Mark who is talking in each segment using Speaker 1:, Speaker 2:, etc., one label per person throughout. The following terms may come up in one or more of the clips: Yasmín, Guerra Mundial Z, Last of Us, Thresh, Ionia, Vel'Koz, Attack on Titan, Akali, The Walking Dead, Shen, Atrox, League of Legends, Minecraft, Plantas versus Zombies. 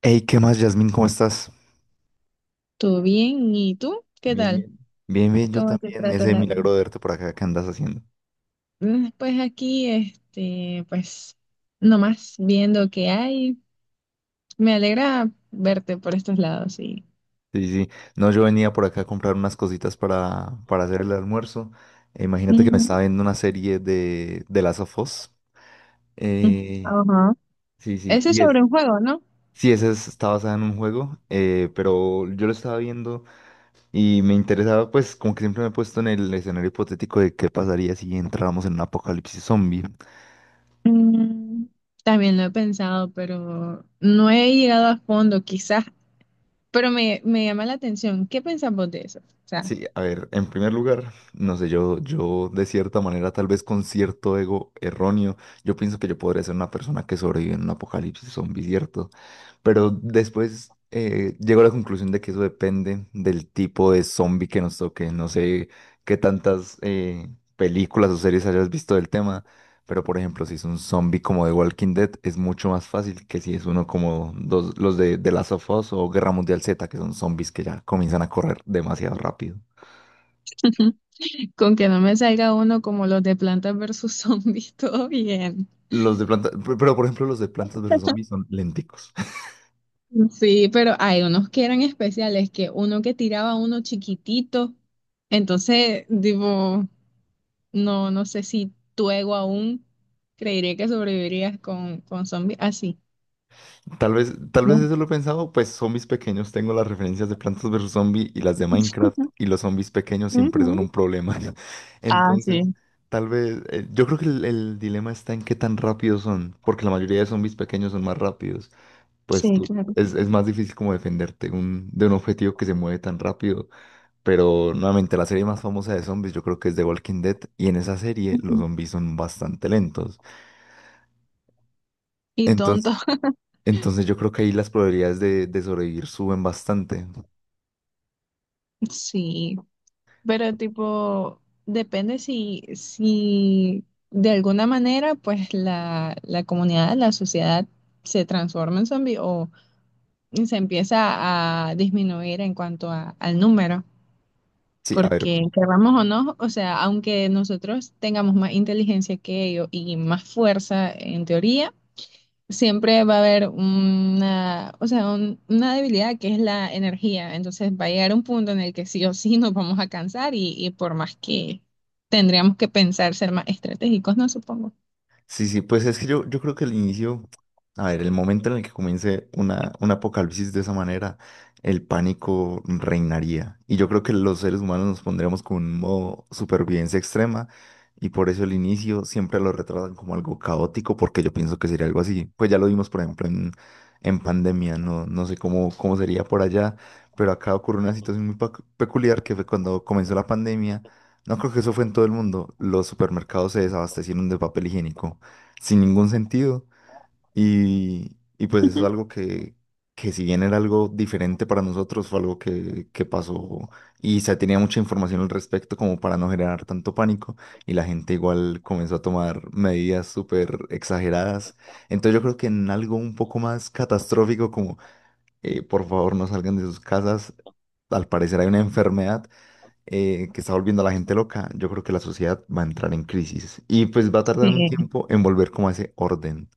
Speaker 1: Hey, ¿qué más, Yasmín? ¿Cómo estás?
Speaker 2: Todo bien, ¿y tú? ¿Qué
Speaker 1: Bien,
Speaker 2: tal?
Speaker 1: bien. Bien, bien, yo Mm.
Speaker 2: ¿Cómo te
Speaker 1: también.
Speaker 2: trata
Speaker 1: Ese
Speaker 2: la vida?
Speaker 1: milagro de verte por acá, ¿qué andas haciendo?
Speaker 2: Pues aquí, pues, nomás viendo qué hay. Me alegra verte por estos lados, sí.
Speaker 1: Sí, sí. No, yo venía por acá a comprar unas cositas para hacer el almuerzo. Imagínate que me
Speaker 2: Ujú.
Speaker 1: estaba viendo una serie de Last of Us.
Speaker 2: Mm.
Speaker 1: Eh,
Speaker 2: Ajá.
Speaker 1: sí, sí.
Speaker 2: ¿Ese es sobre un juego, no?
Speaker 1: Sí, está basada en un juego, pero yo lo estaba viendo y me interesaba, pues, como que siempre me he puesto en el escenario hipotético de qué pasaría si entráramos en un apocalipsis zombie.
Speaker 2: Mm, también lo he pensado, pero no he llegado a fondo, quizás. Pero me llama la atención. ¿Qué pensamos de eso? O sea,
Speaker 1: Sí, a ver, en primer lugar, no sé, yo de cierta manera, tal vez con cierto ego erróneo, yo pienso que yo podría ser una persona que sobrevive en un apocalipsis zombie, ¿cierto? Pero después llego a la conclusión de que eso depende del tipo de zombie que nos toque. No sé qué tantas películas o series hayas visto del tema, pero por ejemplo, si es un zombie como The Walking Dead, es mucho más fácil que si es uno los de The Last of Us o Guerra Mundial Z, que son zombies que ya comienzan a correr demasiado rápido.
Speaker 2: con que no me salga uno como los de Plantas versus Zombies, todo bien.
Speaker 1: Los de planta, pe- pero por ejemplo los de Plantas versus Zombies son lenticos.
Speaker 2: Sí, pero hay unos que eran especiales, que uno que tiraba uno chiquitito, entonces, digo, no sé si tu ego aún creería que sobrevivirías con zombies así.
Speaker 1: Tal vez
Speaker 2: No.
Speaker 1: eso lo he pensado, pues zombies pequeños tengo las referencias de Plantas versus Zombies y las de Minecraft y los zombies pequeños siempre son
Speaker 2: Ujú.
Speaker 1: un problema.
Speaker 2: Ah,
Speaker 1: Entonces,
Speaker 2: sí,
Speaker 1: tal vez, yo creo que el dilema está en qué tan rápidos son, porque la mayoría de zombies pequeños son más rápidos.
Speaker 2: sí, claro.
Speaker 1: Es más difícil como de un objetivo que se mueve tan rápido. Pero nuevamente, la serie más famosa de zombies yo creo que es The Walking Dead y en esa serie los
Speaker 2: Ujú.
Speaker 1: zombies son bastante lentos.
Speaker 2: Y tonto,
Speaker 1: Entonces yo creo que ahí las probabilidades de sobrevivir suben bastante.
Speaker 2: sí, pero tipo, depende si de alguna manera, pues la comunidad, la sociedad se transforma en zombie, se empieza a disminuir en cuanto al número,
Speaker 1: Sí, a ver,
Speaker 2: porque queramos o no, o sea, aunque nosotros tengamos más inteligencia que ellos y más fuerza en teoría, siempre va a haber una, o sea, una debilidad que es la energía. Entonces va a llegar un punto en el que sí o sí nos vamos a cansar y por más que tendríamos que pensar ser más estratégicos, ¿no? Supongo.
Speaker 1: sí, sí, pues es que yo creo que el inicio, a ver, el momento en el que comience una, un apocalipsis de esa manera, el pánico reinaría. Y yo creo que los seres humanos nos pondríamos con un modo supervivencia extrema y por eso el inicio siempre lo retratan como algo caótico porque yo pienso que sería algo así. Pues ya lo vimos, por ejemplo, en pandemia, no, no sé cómo, cómo sería por allá, pero acá ocurrió una situación muy peculiar que fue cuando comenzó la pandemia. No creo que eso fue en todo el mundo. Los supermercados se desabastecieron de papel higiénico sin ningún sentido. Y pues eso es algo que si bien era algo diferente para nosotros, fue algo que pasó y se tenía mucha información al respecto como para no generar tanto pánico y la gente igual comenzó a tomar medidas súper exageradas. Entonces yo creo que en algo un poco más catastrófico como por favor no salgan de sus casas. Al parecer hay una enfermedad que está volviendo a la gente loca, yo creo que la sociedad va a entrar en crisis y pues va a tardar un
Speaker 2: Sí,
Speaker 1: tiempo en volver como a ese orden.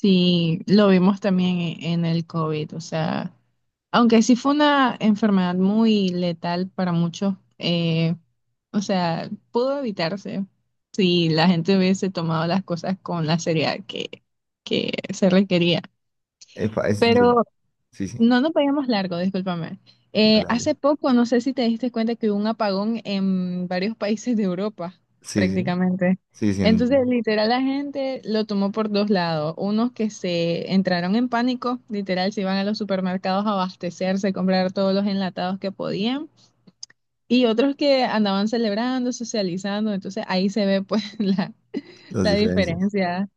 Speaker 2: sí, lo vimos también en el COVID, o sea. Aunque sí fue una enfermedad muy letal para muchos, o sea, pudo evitarse si la gente hubiese tomado las cosas con la seriedad que se requería.
Speaker 1: Epa,
Speaker 2: Pero
Speaker 1: sí, sí,
Speaker 2: no nos veíamos largo, discúlpame.
Speaker 1: dale,
Speaker 2: Hace
Speaker 1: dale.
Speaker 2: poco, no sé si te diste cuenta que hubo un apagón en varios países de Europa,
Speaker 1: Sí, sí,
Speaker 2: prácticamente.
Speaker 1: sí, sí,
Speaker 2: Entonces,
Speaker 1: en
Speaker 2: literal, la gente lo tomó por dos lados. Unos que se entraron en pánico, literal, se iban a los supermercados a abastecerse, comprar todos los enlatados que podían. Y otros que andaban celebrando, socializando. Entonces, ahí se ve pues la,
Speaker 1: las
Speaker 2: la
Speaker 1: diferencias.
Speaker 2: diferencia.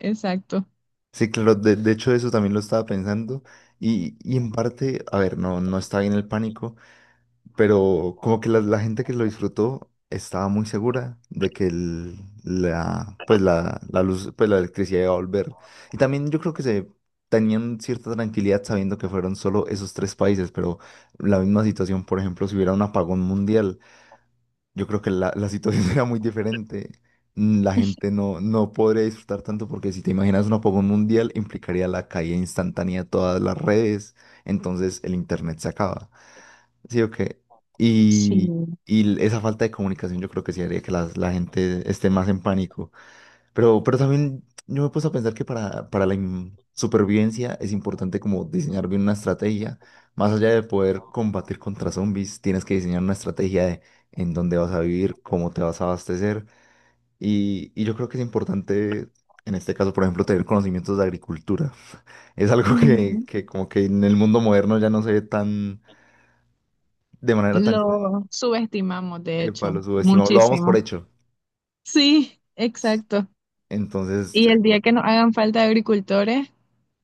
Speaker 2: Exacto.
Speaker 1: Sí, claro, de hecho eso también lo estaba pensando y en parte, a ver, no, no está bien el pánico, pero como que la gente que lo disfrutó estaba muy segura de la, pues la luz, pues la electricidad iba a volver. Y también yo creo que se tenían cierta tranquilidad sabiendo que fueron solo esos tres países, pero la misma situación, por ejemplo, si hubiera un apagón mundial. Yo creo que la situación será muy diferente. Mm, la gente no, no podría disfrutar tanto porque si te imaginas un apagón mundial implicaría la caída instantánea de todas las redes, entonces el internet se acaba. ¿Sí o qué?
Speaker 2: Sí.
Speaker 1: Y, y esa falta de comunicación yo creo que sí haría que la gente esté más en pánico. Pero también yo me he puesto a pensar para supervivencia es importante como diseñar bien una estrategia. Más allá de poder combatir contra zombies, tienes que diseñar una estrategia de en dónde vas a vivir, cómo te vas a abastecer. Y yo creo que es importante, en este caso, por ejemplo, tener conocimientos de agricultura. Es algo que como que en el mundo moderno ya no se ve tan, de manera tan común.
Speaker 2: Lo subestimamos, de
Speaker 1: Epa,
Speaker 2: hecho,
Speaker 1: lo subestimamos, lo damos
Speaker 2: muchísimo.
Speaker 1: por hecho.
Speaker 2: Sí, exacto.
Speaker 1: Entonces,
Speaker 2: Y el día que nos hagan falta agricultores,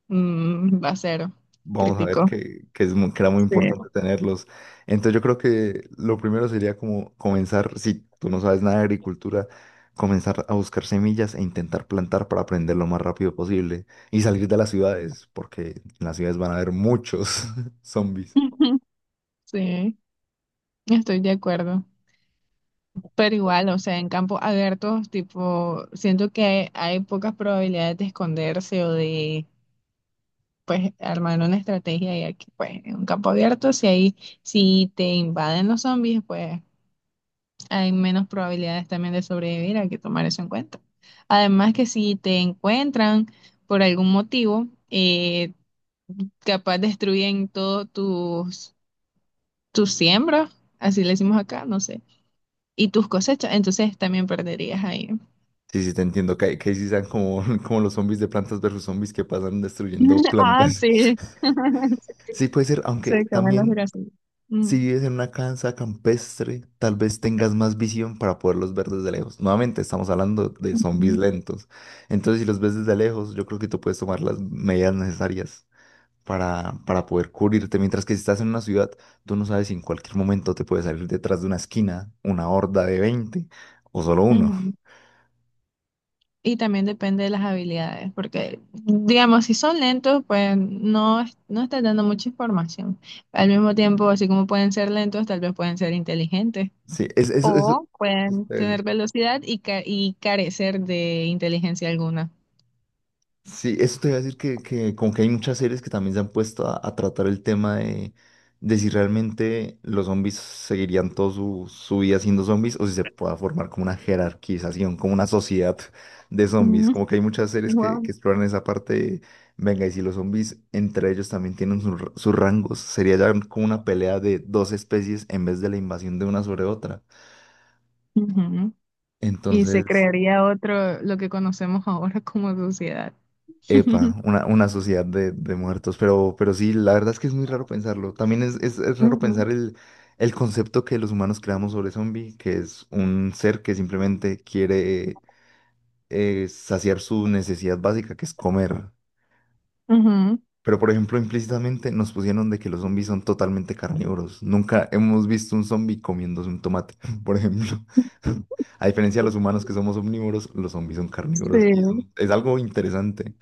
Speaker 2: mm, va a ser
Speaker 1: vamos a ver
Speaker 2: crítico.
Speaker 1: es que era muy
Speaker 2: Sí.
Speaker 1: importante tenerlos. Entonces yo creo que lo primero sería como comenzar, si tú no sabes nada de agricultura, comenzar a buscar semillas e intentar plantar para aprender lo más rápido posible y salir de las ciudades, porque en las ciudades van a haber muchos zombies.
Speaker 2: Sí, estoy de acuerdo. Pero igual, o sea, en campos abiertos, tipo, siento que hay pocas probabilidades de esconderse o de, pues, armar una estrategia. Y aquí, pues, en un campo abierto, si ahí, si te invaden los zombies, pues, hay menos probabilidades también de sobrevivir, hay que tomar eso en cuenta. Además que si te encuentran por algún motivo, capaz destruyen todos tus, tus siembras, así le decimos acá, no sé, y tus cosechas, entonces también perderías ahí.
Speaker 1: Sí, sí, te entiendo, que sí sean como, como los zombies de plantas versus zombies que pasan destruyendo
Speaker 2: Ah,
Speaker 1: plantas.
Speaker 2: sí.
Speaker 1: Sí, puede ser, aunque
Speaker 2: Se comen los
Speaker 1: también
Speaker 2: girasoles. Mm.
Speaker 1: si vives en una casa campestre, tal vez tengas más visión para poderlos ver desde lejos. Nuevamente, estamos hablando de zombies lentos. Entonces, si los ves desde lejos, yo creo que tú puedes tomar las medidas necesarias para poder cubrirte. Mientras que si estás en una ciudad, tú no sabes si en cualquier momento te puede salir detrás de una esquina una horda de 20 o solo uno.
Speaker 2: Ujú. Y también depende de las habilidades, porque digamos, si son lentos, pues no, no estás dando mucha información. Al mismo tiempo, así como pueden ser lentos, tal vez pueden ser inteligentes
Speaker 1: Sí, es, eso, eso.
Speaker 2: o pueden tener velocidad y, y carecer de inteligencia alguna.
Speaker 1: Sí, eso te iba a decir que como que hay muchas series que también se han puesto a tratar el tema de si realmente los zombies seguirían toda su vida siendo zombies o si se pueda formar como una jerarquización, como una sociedad de zombies.
Speaker 2: Mm,
Speaker 1: Como que hay muchas series
Speaker 2: wow.
Speaker 1: que exploran esa parte de, venga, y si los zombies entre ellos también tienen sus rangos, sería ya como una pelea de dos especies en vez de la invasión de una sobre otra.
Speaker 2: Ujú. Y se
Speaker 1: Entonces,
Speaker 2: crearía otro, lo que conocemos ahora como sociedad.
Speaker 1: epa, una sociedad de muertos, pero sí, la verdad es que es muy raro pensarlo. También es raro
Speaker 2: Ujú,
Speaker 1: pensar el concepto que los humanos creamos sobre zombie, que es un ser que simplemente quiere saciar su necesidad básica, que es comer. Pero, por ejemplo, implícitamente nos pusieron de que los zombies son totalmente carnívoros. Nunca hemos visto un zombie comiéndose un tomate, por ejemplo. A diferencia de
Speaker 2: ujú.
Speaker 1: los humanos que somos omnívoros, los zombies son carnívoros y eso
Speaker 2: Sí.
Speaker 1: es algo interesante.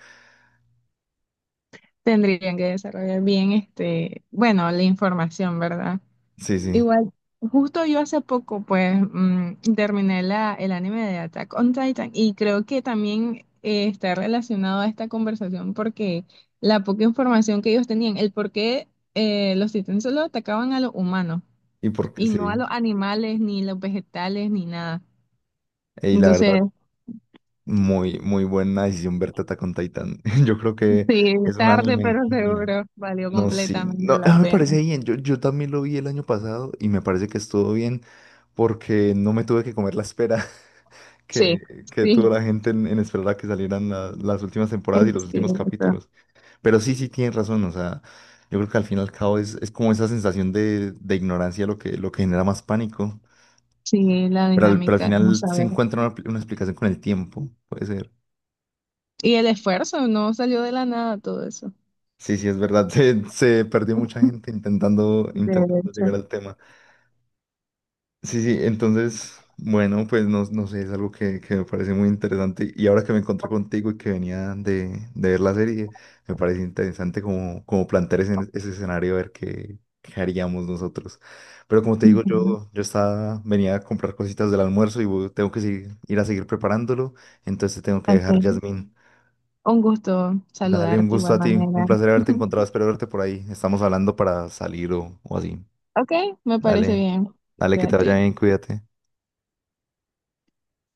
Speaker 2: Tendrían que desarrollar bien este, bueno, la información, ¿verdad?
Speaker 1: Sí, sí.
Speaker 2: Igual, justo yo hace poco, pues, mm, terminé la, el anime de Attack on Titan y creo que también está relacionado a esta conversación porque la poca información que ellos tenían, el por qué los titanes solo atacaban a los humanos
Speaker 1: Y porque
Speaker 2: y no a
Speaker 1: sí.
Speaker 2: los animales, ni los vegetales, ni nada.
Speaker 1: Y la verdad,
Speaker 2: Entonces,
Speaker 1: muy, muy buena decisión ver Attack con Titan. Yo creo que
Speaker 2: sí,
Speaker 1: es un
Speaker 2: tarde,
Speaker 1: anime
Speaker 2: pero
Speaker 1: genial.
Speaker 2: seguro, valió
Speaker 1: No, sí,
Speaker 2: completamente
Speaker 1: no,
Speaker 2: la
Speaker 1: ah, me
Speaker 2: pena.
Speaker 1: parece bien. Yo también lo vi el año pasado y me parece que estuvo bien porque no me tuve que comer la espera
Speaker 2: Sí,
Speaker 1: que tuvo
Speaker 2: sí,
Speaker 1: la gente en esperar a que salieran las últimas
Speaker 2: eh,
Speaker 1: temporadas y los
Speaker 2: sí,
Speaker 1: últimos capítulos. Pero sí, sí, tienes razón. O sea, yo creo que al fin y al cabo es como esa sensación de ignorancia lo que genera más pánico.
Speaker 2: sí, la
Speaker 1: Pero al
Speaker 2: dinámica, vamos
Speaker 1: final
Speaker 2: a
Speaker 1: se
Speaker 2: ver.
Speaker 1: encuentra una explicación con el tiempo, puede ser.
Speaker 2: Y el esfuerzo, no salió de la nada todo eso.
Speaker 1: Sí, sí, es verdad. Se perdió mucha gente intentando,
Speaker 2: De
Speaker 1: intentando
Speaker 2: hecho.
Speaker 1: llegar al tema. Sí, sí, entonces, bueno, pues no, no sé, es algo que me parece muy interesante. Y ahora que me encontré contigo y que venía de ver la serie, me parece interesante como, como plantear ese, ese escenario, a ver qué, qué haríamos nosotros. Pero como te digo,
Speaker 2: Ujú.
Speaker 1: yo estaba, venía a comprar cositas del almuerzo y tengo que ir a seguir preparándolo. Entonces te tengo que dejar,
Speaker 2: Ok.
Speaker 1: Yasmín.
Speaker 2: Un gusto
Speaker 1: Dale, un
Speaker 2: saludarte de
Speaker 1: gusto
Speaker 2: igual
Speaker 1: a ti. Un
Speaker 2: manera.
Speaker 1: placer haberte encontrado. Espero verte por ahí. Estamos hablando para salir o así.
Speaker 2: Ok, me parece
Speaker 1: Dale,
Speaker 2: bien.
Speaker 1: dale, que te vaya
Speaker 2: Cuídate.
Speaker 1: bien, cuídate.